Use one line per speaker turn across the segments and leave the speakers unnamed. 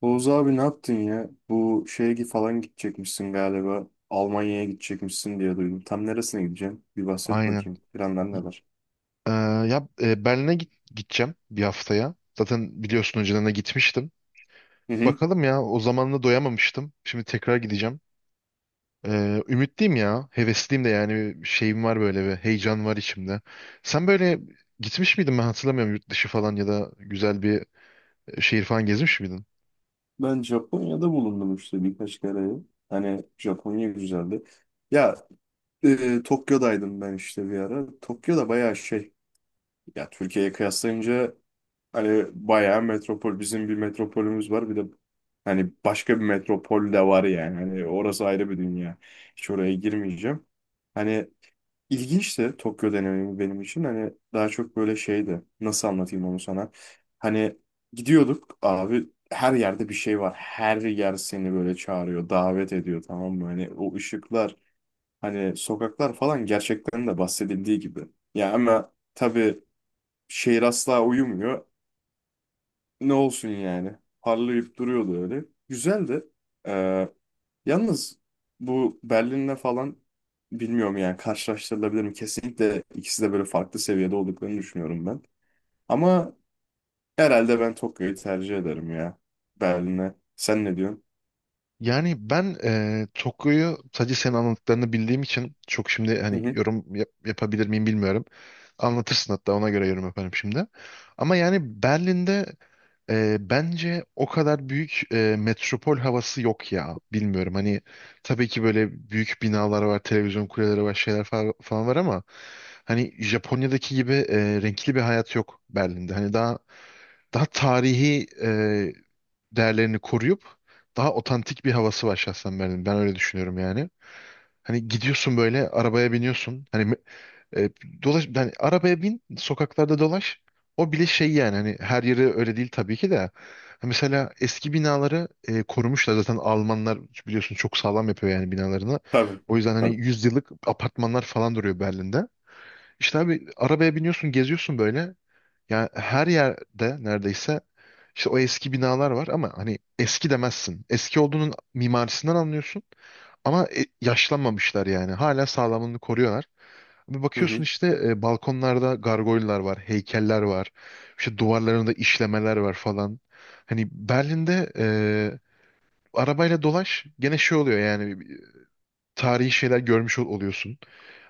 Oğuz abi ne yaptın ya? Bu şeye gi- falan gidecekmişsin galiba. Almanya'ya gidecekmişsin diye duydum. Tam neresine gideceksin? Bir bahset
Aynen.
bakayım. Planlar
Y-
neler?
Ee, Berlin'e gideceğim bir haftaya. Zaten biliyorsun önceden de gitmiştim.
Hı hı.
Bakalım ya, o zaman da doyamamıştım. Şimdi tekrar gideceğim. Ümitliyim ya. Hevesliyim de, yani bir şeyim var, böyle bir heyecan var içimde. Sen böyle gitmiş miydin, ben hatırlamıyorum, yurt dışı falan ya da güzel bir şehir falan gezmiş miydin?
Ben Japonya'da bulundum işte birkaç kere. Hani Japonya güzeldi. Ya Tokyo'daydım ben işte bir ara. Tokyo'da bayağı şey. Ya Türkiye'ye kıyaslayınca hani bayağı metropol. Bizim bir metropolümüz var. Bir de hani başka bir metropol de var yani. Hani orası ayrı bir dünya. Hiç oraya girmeyeceğim. Hani İlginçti Tokyo deneyimi benim için. Hani daha çok böyle şeydi. Nasıl anlatayım onu sana? Hani gidiyorduk abi, her yerde bir şey var. Her yer seni böyle çağırıyor, davet ediyor, tamam mı? Hani o ışıklar, hani sokaklar falan gerçekten de bahsedildiği gibi. Ya ama tabii şehir asla uyumuyor. Ne olsun yani? Parlayıp duruyordu öyle. Güzeldi. Ee, Yalnız bu Berlin'le falan bilmiyorum yani, karşılaştırılabilir mi? Kesinlikle ikisi de böyle farklı seviyede olduklarını düşünüyorum ben. Ama herhalde ben Tokyo'yu tercih ederim ya Berlin'e. Sen ne diyorsun?
Yani ben Tokyo'yu sadece senin anlattıklarını bildiğim için çok şimdi
Hı
hani
hı.
yapabilir miyim bilmiyorum. Anlatırsın, hatta ona göre yorum yaparım şimdi. Ama yani Berlin'de bence o kadar büyük metropol havası yok ya. Bilmiyorum, hani tabii ki böyle büyük binalar var, televizyon kuleleri var, falan var, ama hani Japonya'daki gibi renkli bir hayat yok Berlin'de. Hani daha tarihi değerlerini koruyup daha otantik bir havası var şahsen Berlin'in. Ben öyle düşünüyorum yani. Hani gidiyorsun, böyle arabaya biniyorsun. E, Dolaş yani, arabaya bin, sokaklarda dolaş. O bile şey yani, hani her yeri öyle değil tabii ki de. Ha, Mesela eski binaları korumuşlar zaten Almanlar, biliyorsun çok sağlam yapıyor yani binalarını.
Tabii.
O yüzden hani
Tabii.
yüzyıllık apartmanlar falan duruyor Berlin'de. İşte abi arabaya biniyorsun, geziyorsun böyle. Yani her yerde neredeyse işte o eski binalar var, ama hani eski demezsin. Eski olduğunun mimarisinden anlıyorsun, ama yaşlanmamışlar yani. Hala sağlamlığını koruyorlar. Bir
Hı
bakıyorsun,
hı.
işte balkonlarda gargoylar var, heykeller var. İşte duvarlarında işlemeler var falan. Hani Berlin'de e, arabayla dolaş, gene şey oluyor yani, e, tarihi şeyler görmüş ol- oluyorsun.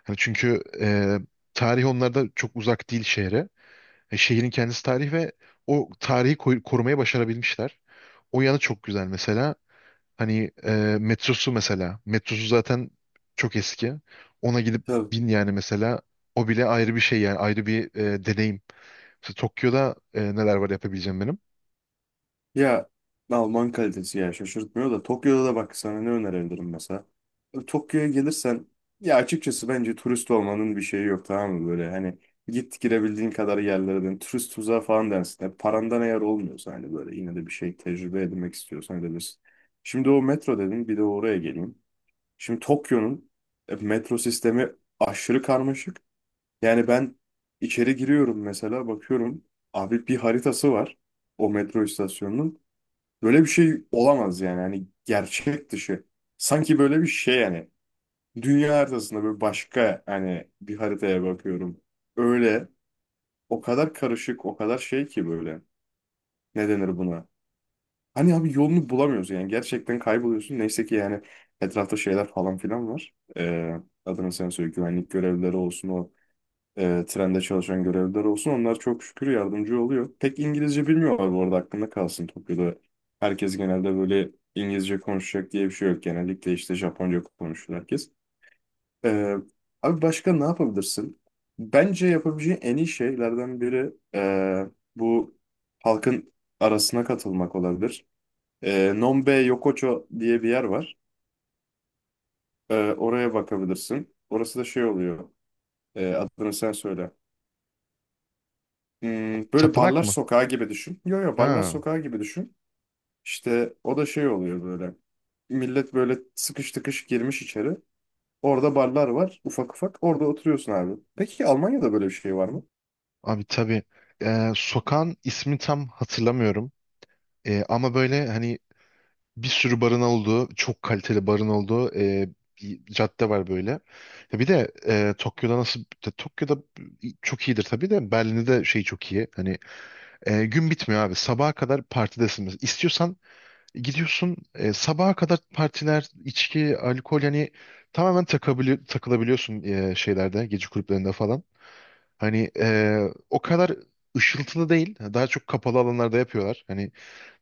Hani çünkü tarih onlarda çok uzak değil şehre. Şehrin kendisi tarih ve o tarihi korumayı başarabilmişler. O yanı çok güzel mesela. Hani e, Metrosu mesela. Metrosu zaten çok eski. Ona gidip
Tabii.
bin yani mesela. O bile ayrı bir şey yani, ayrı bir deneyim. Mesela Tokyo'da neler var yapabileceğim benim?
Ya Alman kalitesi ya şaşırtmıyor da, Tokyo'da da bak sana ne önerebilirim mesela. Tokyo'ya gelirsen ya açıkçası bence turist olmanın bir şeyi yok, tamam mı, böyle hani git girebildiğin kadar yerlere, dön turist tuzağı falan dersin. Yani parandan eğer olmuyorsa hani böyle, yine de bir şey tecrübe edinmek istiyorsan edebilirsin. Şimdi o metro dedin, bir de oraya geleyim. Şimdi Tokyo'nun metro sistemi aşırı karmaşık. Yani ben içeri giriyorum mesela, bakıyorum abi bir haritası var o metro istasyonunun. Böyle bir şey olamaz yani. Hani gerçek dışı. Sanki böyle bir şey yani. Dünya haritasında böyle başka hani bir haritaya bakıyorum. Öyle o kadar karışık, o kadar şey ki böyle. Ne denir buna? Hani abi yolunu bulamıyoruz yani. Gerçekten kayboluyorsun. Neyse ki yani etrafta şeyler falan filan var. Adını sen söyle, güvenlik görevlileri olsun, trende çalışan görevliler olsun. Onlar çok şükür yardımcı oluyor. Pek İngilizce bilmiyorlar bu arada, aklında kalsın, Tokyo'da. Herkes genelde böyle İngilizce konuşacak diye bir şey yok. Genellikle işte Japonca konuşuyor herkes. E, abi başka ne yapabilirsin? Bence yapabileceğin en iyi şeylerden biri bu halkın arasına katılmak olabilir. E, Nonbe Yokocho diye bir yer var. E, oraya bakabilirsin. Orası da şey oluyor. E, adını sen söyle. Hmm, böyle
Tapınak
barlar
mı?
sokağı gibi düşün. Yo yo, barlar
Ha,
sokağı gibi düşün. İşte o da şey oluyor böyle. Millet böyle sıkış tıkış girmiş içeri. Orada barlar var ufak ufak. Orada oturuyorsun abi. Peki Almanya'da böyle bir şey var mı?
Abi tabii. Sokağın ismi tam hatırlamıyorum. Ama böyle hani bir sürü barın olduğu, çok kaliteli barın olduğu bir cadde var böyle. Ya bir de Tokyo'da çok iyidir tabii, de Berlin'de de şey çok iyi. Gün bitmiyor abi. Sabaha kadar partidesin. Mesela İstiyorsan gidiyorsun, sabaha kadar partiler, içki, alkol, yani tamamen takılabiliyorsun şeylerde, gece kulüplerinde falan. Hani e, O kadar ışıltılı değil. Daha çok kapalı alanlarda yapıyorlar. Hani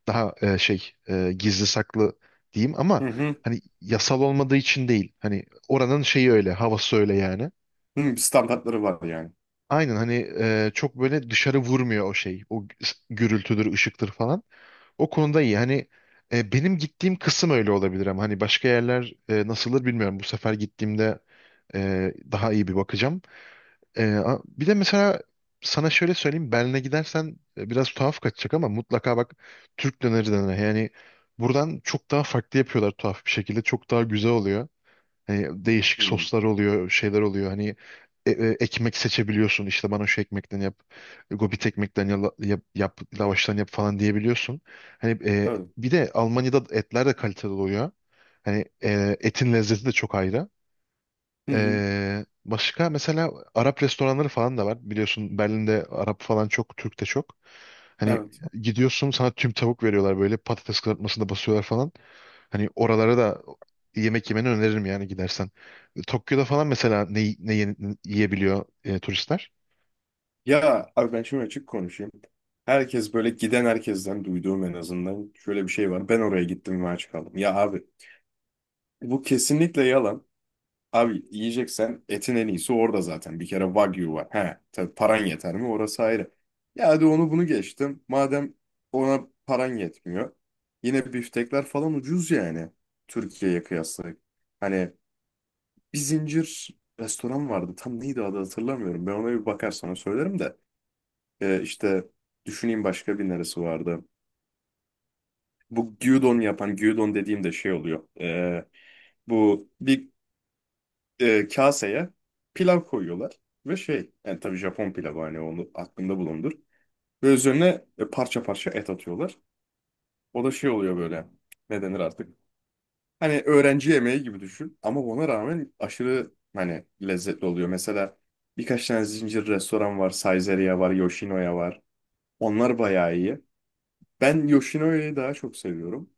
daha gizli saklı diyeyim,
Hı
ama
hı.
hani yasal olmadığı için değil. Hani oranın şeyi öyle, havası öyle yani.
Hı, standartları var yani.
Aynen, çok böyle dışarı vurmuyor o şey. O gürültüdür, ışıktır falan. O konuda iyi. Benim gittiğim kısım öyle olabilir, ama hani başka yerler nasıldır bilmiyorum. Bu sefer gittiğimde daha iyi bir bakacağım. Bir de mesela sana şöyle söyleyeyim, Berlin'e gidersen, biraz tuhaf kaçacak ama mutlaka bak Türk döneri, döneri yani buradan çok daha farklı yapıyorlar, tuhaf bir şekilde çok daha güzel oluyor. Hani değişik
Hı,
soslar oluyor, şeyler oluyor, hani ekmek seçebiliyorsun, işte bana şu ekmekten yap, gobit ekmekten yap lavaştan yap falan diyebiliyorsun. Hani e,
tabii.
Bir de Almanya'da etler de kaliteli oluyor. Etin lezzeti de çok ayrı.
Hı hı.
Başka mesela Arap restoranları falan da var. Biliyorsun Berlin'de Arap falan çok, Türk de çok. Hani
Evet.
gidiyorsun, sana tüm tavuk veriyorlar, böyle patates kızartmasında basıyorlar falan. Hani oralara da yemek yemeni öneririm yani, gidersen. Tokyo'da falan mesela ne yiyebiliyor turistler?
Ya abi ben şimdi açık konuşayım. Herkes böyle, giden herkesten duyduğum en azından şöyle bir şey var: ben oraya gittim ve aç kaldım. Ya abi bu kesinlikle yalan. Abi yiyeceksen etin en iyisi orada zaten. Bir kere Wagyu var. He, tabii paran yeter mi? Orası ayrı. Ya hadi onu bunu geçtim. Madem ona paran yetmiyor. Yine biftekler falan ucuz yani. Türkiye'ye kıyasla. Hani bir zincir restoran vardı. Tam neydi adı hatırlamıyorum. Ben ona bir bakar sana söylerim de. İşte düşüneyim başka bir neresi vardı. Bu gyudon yapan, gyudon dediğim de şey oluyor. Bu bir kaseye pilav koyuyorlar ve şey yani, tabii Japon pilavı, hani onu aklında bulundur. Ve üzerine parça parça et atıyorlar. O da şey oluyor böyle, ne denir artık. Hani öğrenci yemeği gibi düşün ama ona rağmen aşırı hani lezzetli oluyor. Mesela birkaç tane zincir restoran var. Saizeria var, Yoshinoya var. Onlar bayağı iyi. Ben Yoshinoya'yı daha çok seviyorum.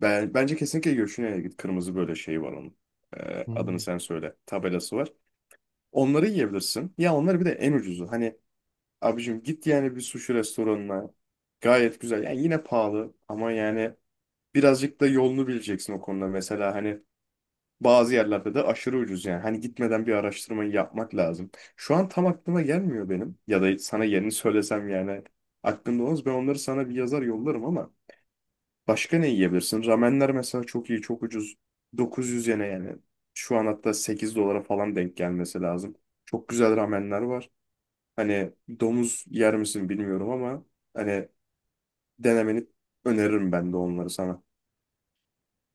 Bence kesinlikle Yoshinoya'ya git. Kırmızı böyle şey var onun. E, adını sen söyle. Tabelası var. Onları yiyebilirsin. Ya onları bir de en ucuzu. Hani abicim git yani bir sushi restoranına. Gayet güzel. Yani yine pahalı ama yani birazcık da yolunu bileceksin o konuda. Mesela hani bazı yerlerde de aşırı ucuz yani. Hani gitmeden bir araştırmayı yapmak lazım. Şu an tam aklıma gelmiyor benim. Ya da sana yerini söylesem yani aklımda olmaz. Ben onları sana bir yazar yollarım ama başka ne yiyebilirsin? Ramenler mesela çok iyi, çok ucuz. 900 yene yani. Şu an hatta 8 dolara falan denk gelmesi lazım. Çok güzel ramenler var. Hani domuz yer misin bilmiyorum ama hani denemeni öneririm ben de onları sana.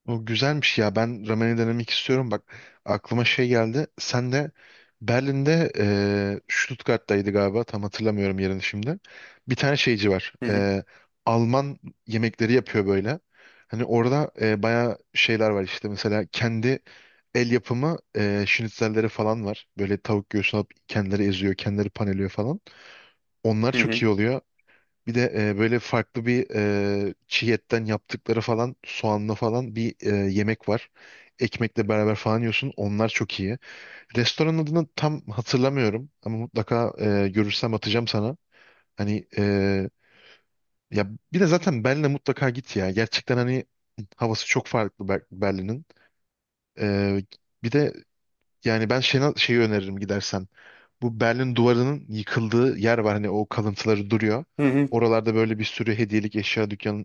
O güzelmiş ya. Ben ramen'i denemek istiyorum. Bak, aklıma şey geldi. Sen de Berlin'de, Stuttgart'taydı galiba. Tam hatırlamıyorum yerini şimdi. Bir tane şeyci var.
Hı hı
Alman yemekleri yapıyor böyle. Hani orada bayağı şeyler var işte. Mesela kendi el yapımı schnitzelleri falan var. Böyle tavuk göğsünü alıp kendileri eziyor, kendileri paneliyor falan. Onlar
hı
çok
hı
iyi oluyor. Bir de böyle farklı bir çiğ etten yaptıkları falan, soğanlı falan bir yemek var. Ekmekle beraber falan yiyorsun. Onlar çok iyi. Restoranın adını tam hatırlamıyorum, ama mutlaka görürsem atacağım sana. Hani e, ya bir de zaten Berlin'e mutlaka git ya. Gerçekten hani havası çok farklı Berlin'in. E, Bir de yani ben şeyi öneririm gidersen. Bu Berlin Duvarı'nın yıkıldığı yer var. Hani o kalıntıları duruyor.
hı hı.
Oralarda böyle bir sürü hediyelik eşya dükkanı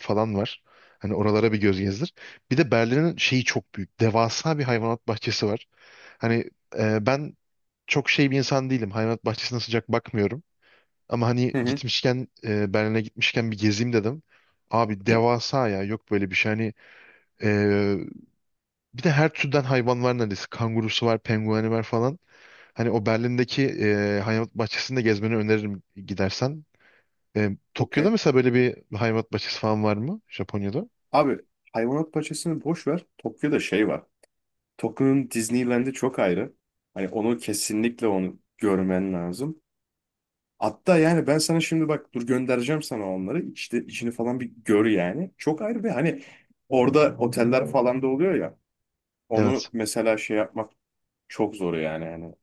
falan var. Hani oralara bir göz gezdir. Bir de Berlin'in şeyi çok büyük. Devasa bir hayvanat bahçesi var. Hani Ben çok şey bir insan değilim. Hayvanat bahçesine sıcak bakmıyorum. Ama hani
Hı hı.
gitmişken, Berlin'e gitmişken bir gezeyim dedim. Abi devasa ya, yok böyle bir şey. E, Bir de her türden hayvan var neredeyse. Kangurusu var, pengueni var falan. Hani o Berlin'deki hayvanat bahçesinde gezmeni öneririm gidersen. Tokyo'da
Okey.
mesela böyle bir hayvanat bahçesi falan var mı? Japonya'da?
Abi hayvanat bahçesini boş ver. Tokyo'da şey var. Tokyo'nun Disneyland'i çok ayrı. Hani onu kesinlikle, onu görmen lazım. Hatta yani ben sana şimdi bak dur göndereceğim sana onları. İşte içini falan bir gör yani. Çok ayrı ve hani orada oteller falan da oluyor ya. Onu
Evet.
mesela şey yapmak çok zor yani, hani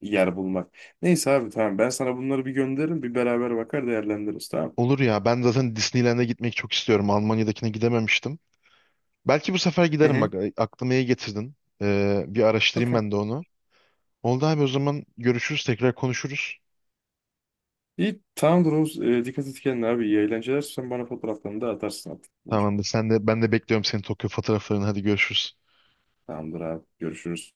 yer bulmak. Neyse abi tamam, ben sana bunları bir gönderirim, bir beraber bakar değerlendiririz, tamam.
Olur ya. Ben zaten Disneyland'e gitmek çok istiyorum. Almanya'dakine gidememiştim. Belki bu sefer
Hı
giderim,
hı.
bak aklıma iyi getirdin. Bir araştırayım
Okey.
ben de onu. Oldu abi, o zaman görüşürüz, tekrar konuşuruz.
İyi, tamamdır Oğuz. Dikkat et kendine abi. İyi eğlenceler. Sen bana fotoğraflarını da atarsın artık.
Tamamdır, sen de, ben de bekliyorum senin Tokyo fotoğraflarını, hadi görüşürüz.
Tamamdır abi. Görüşürüz.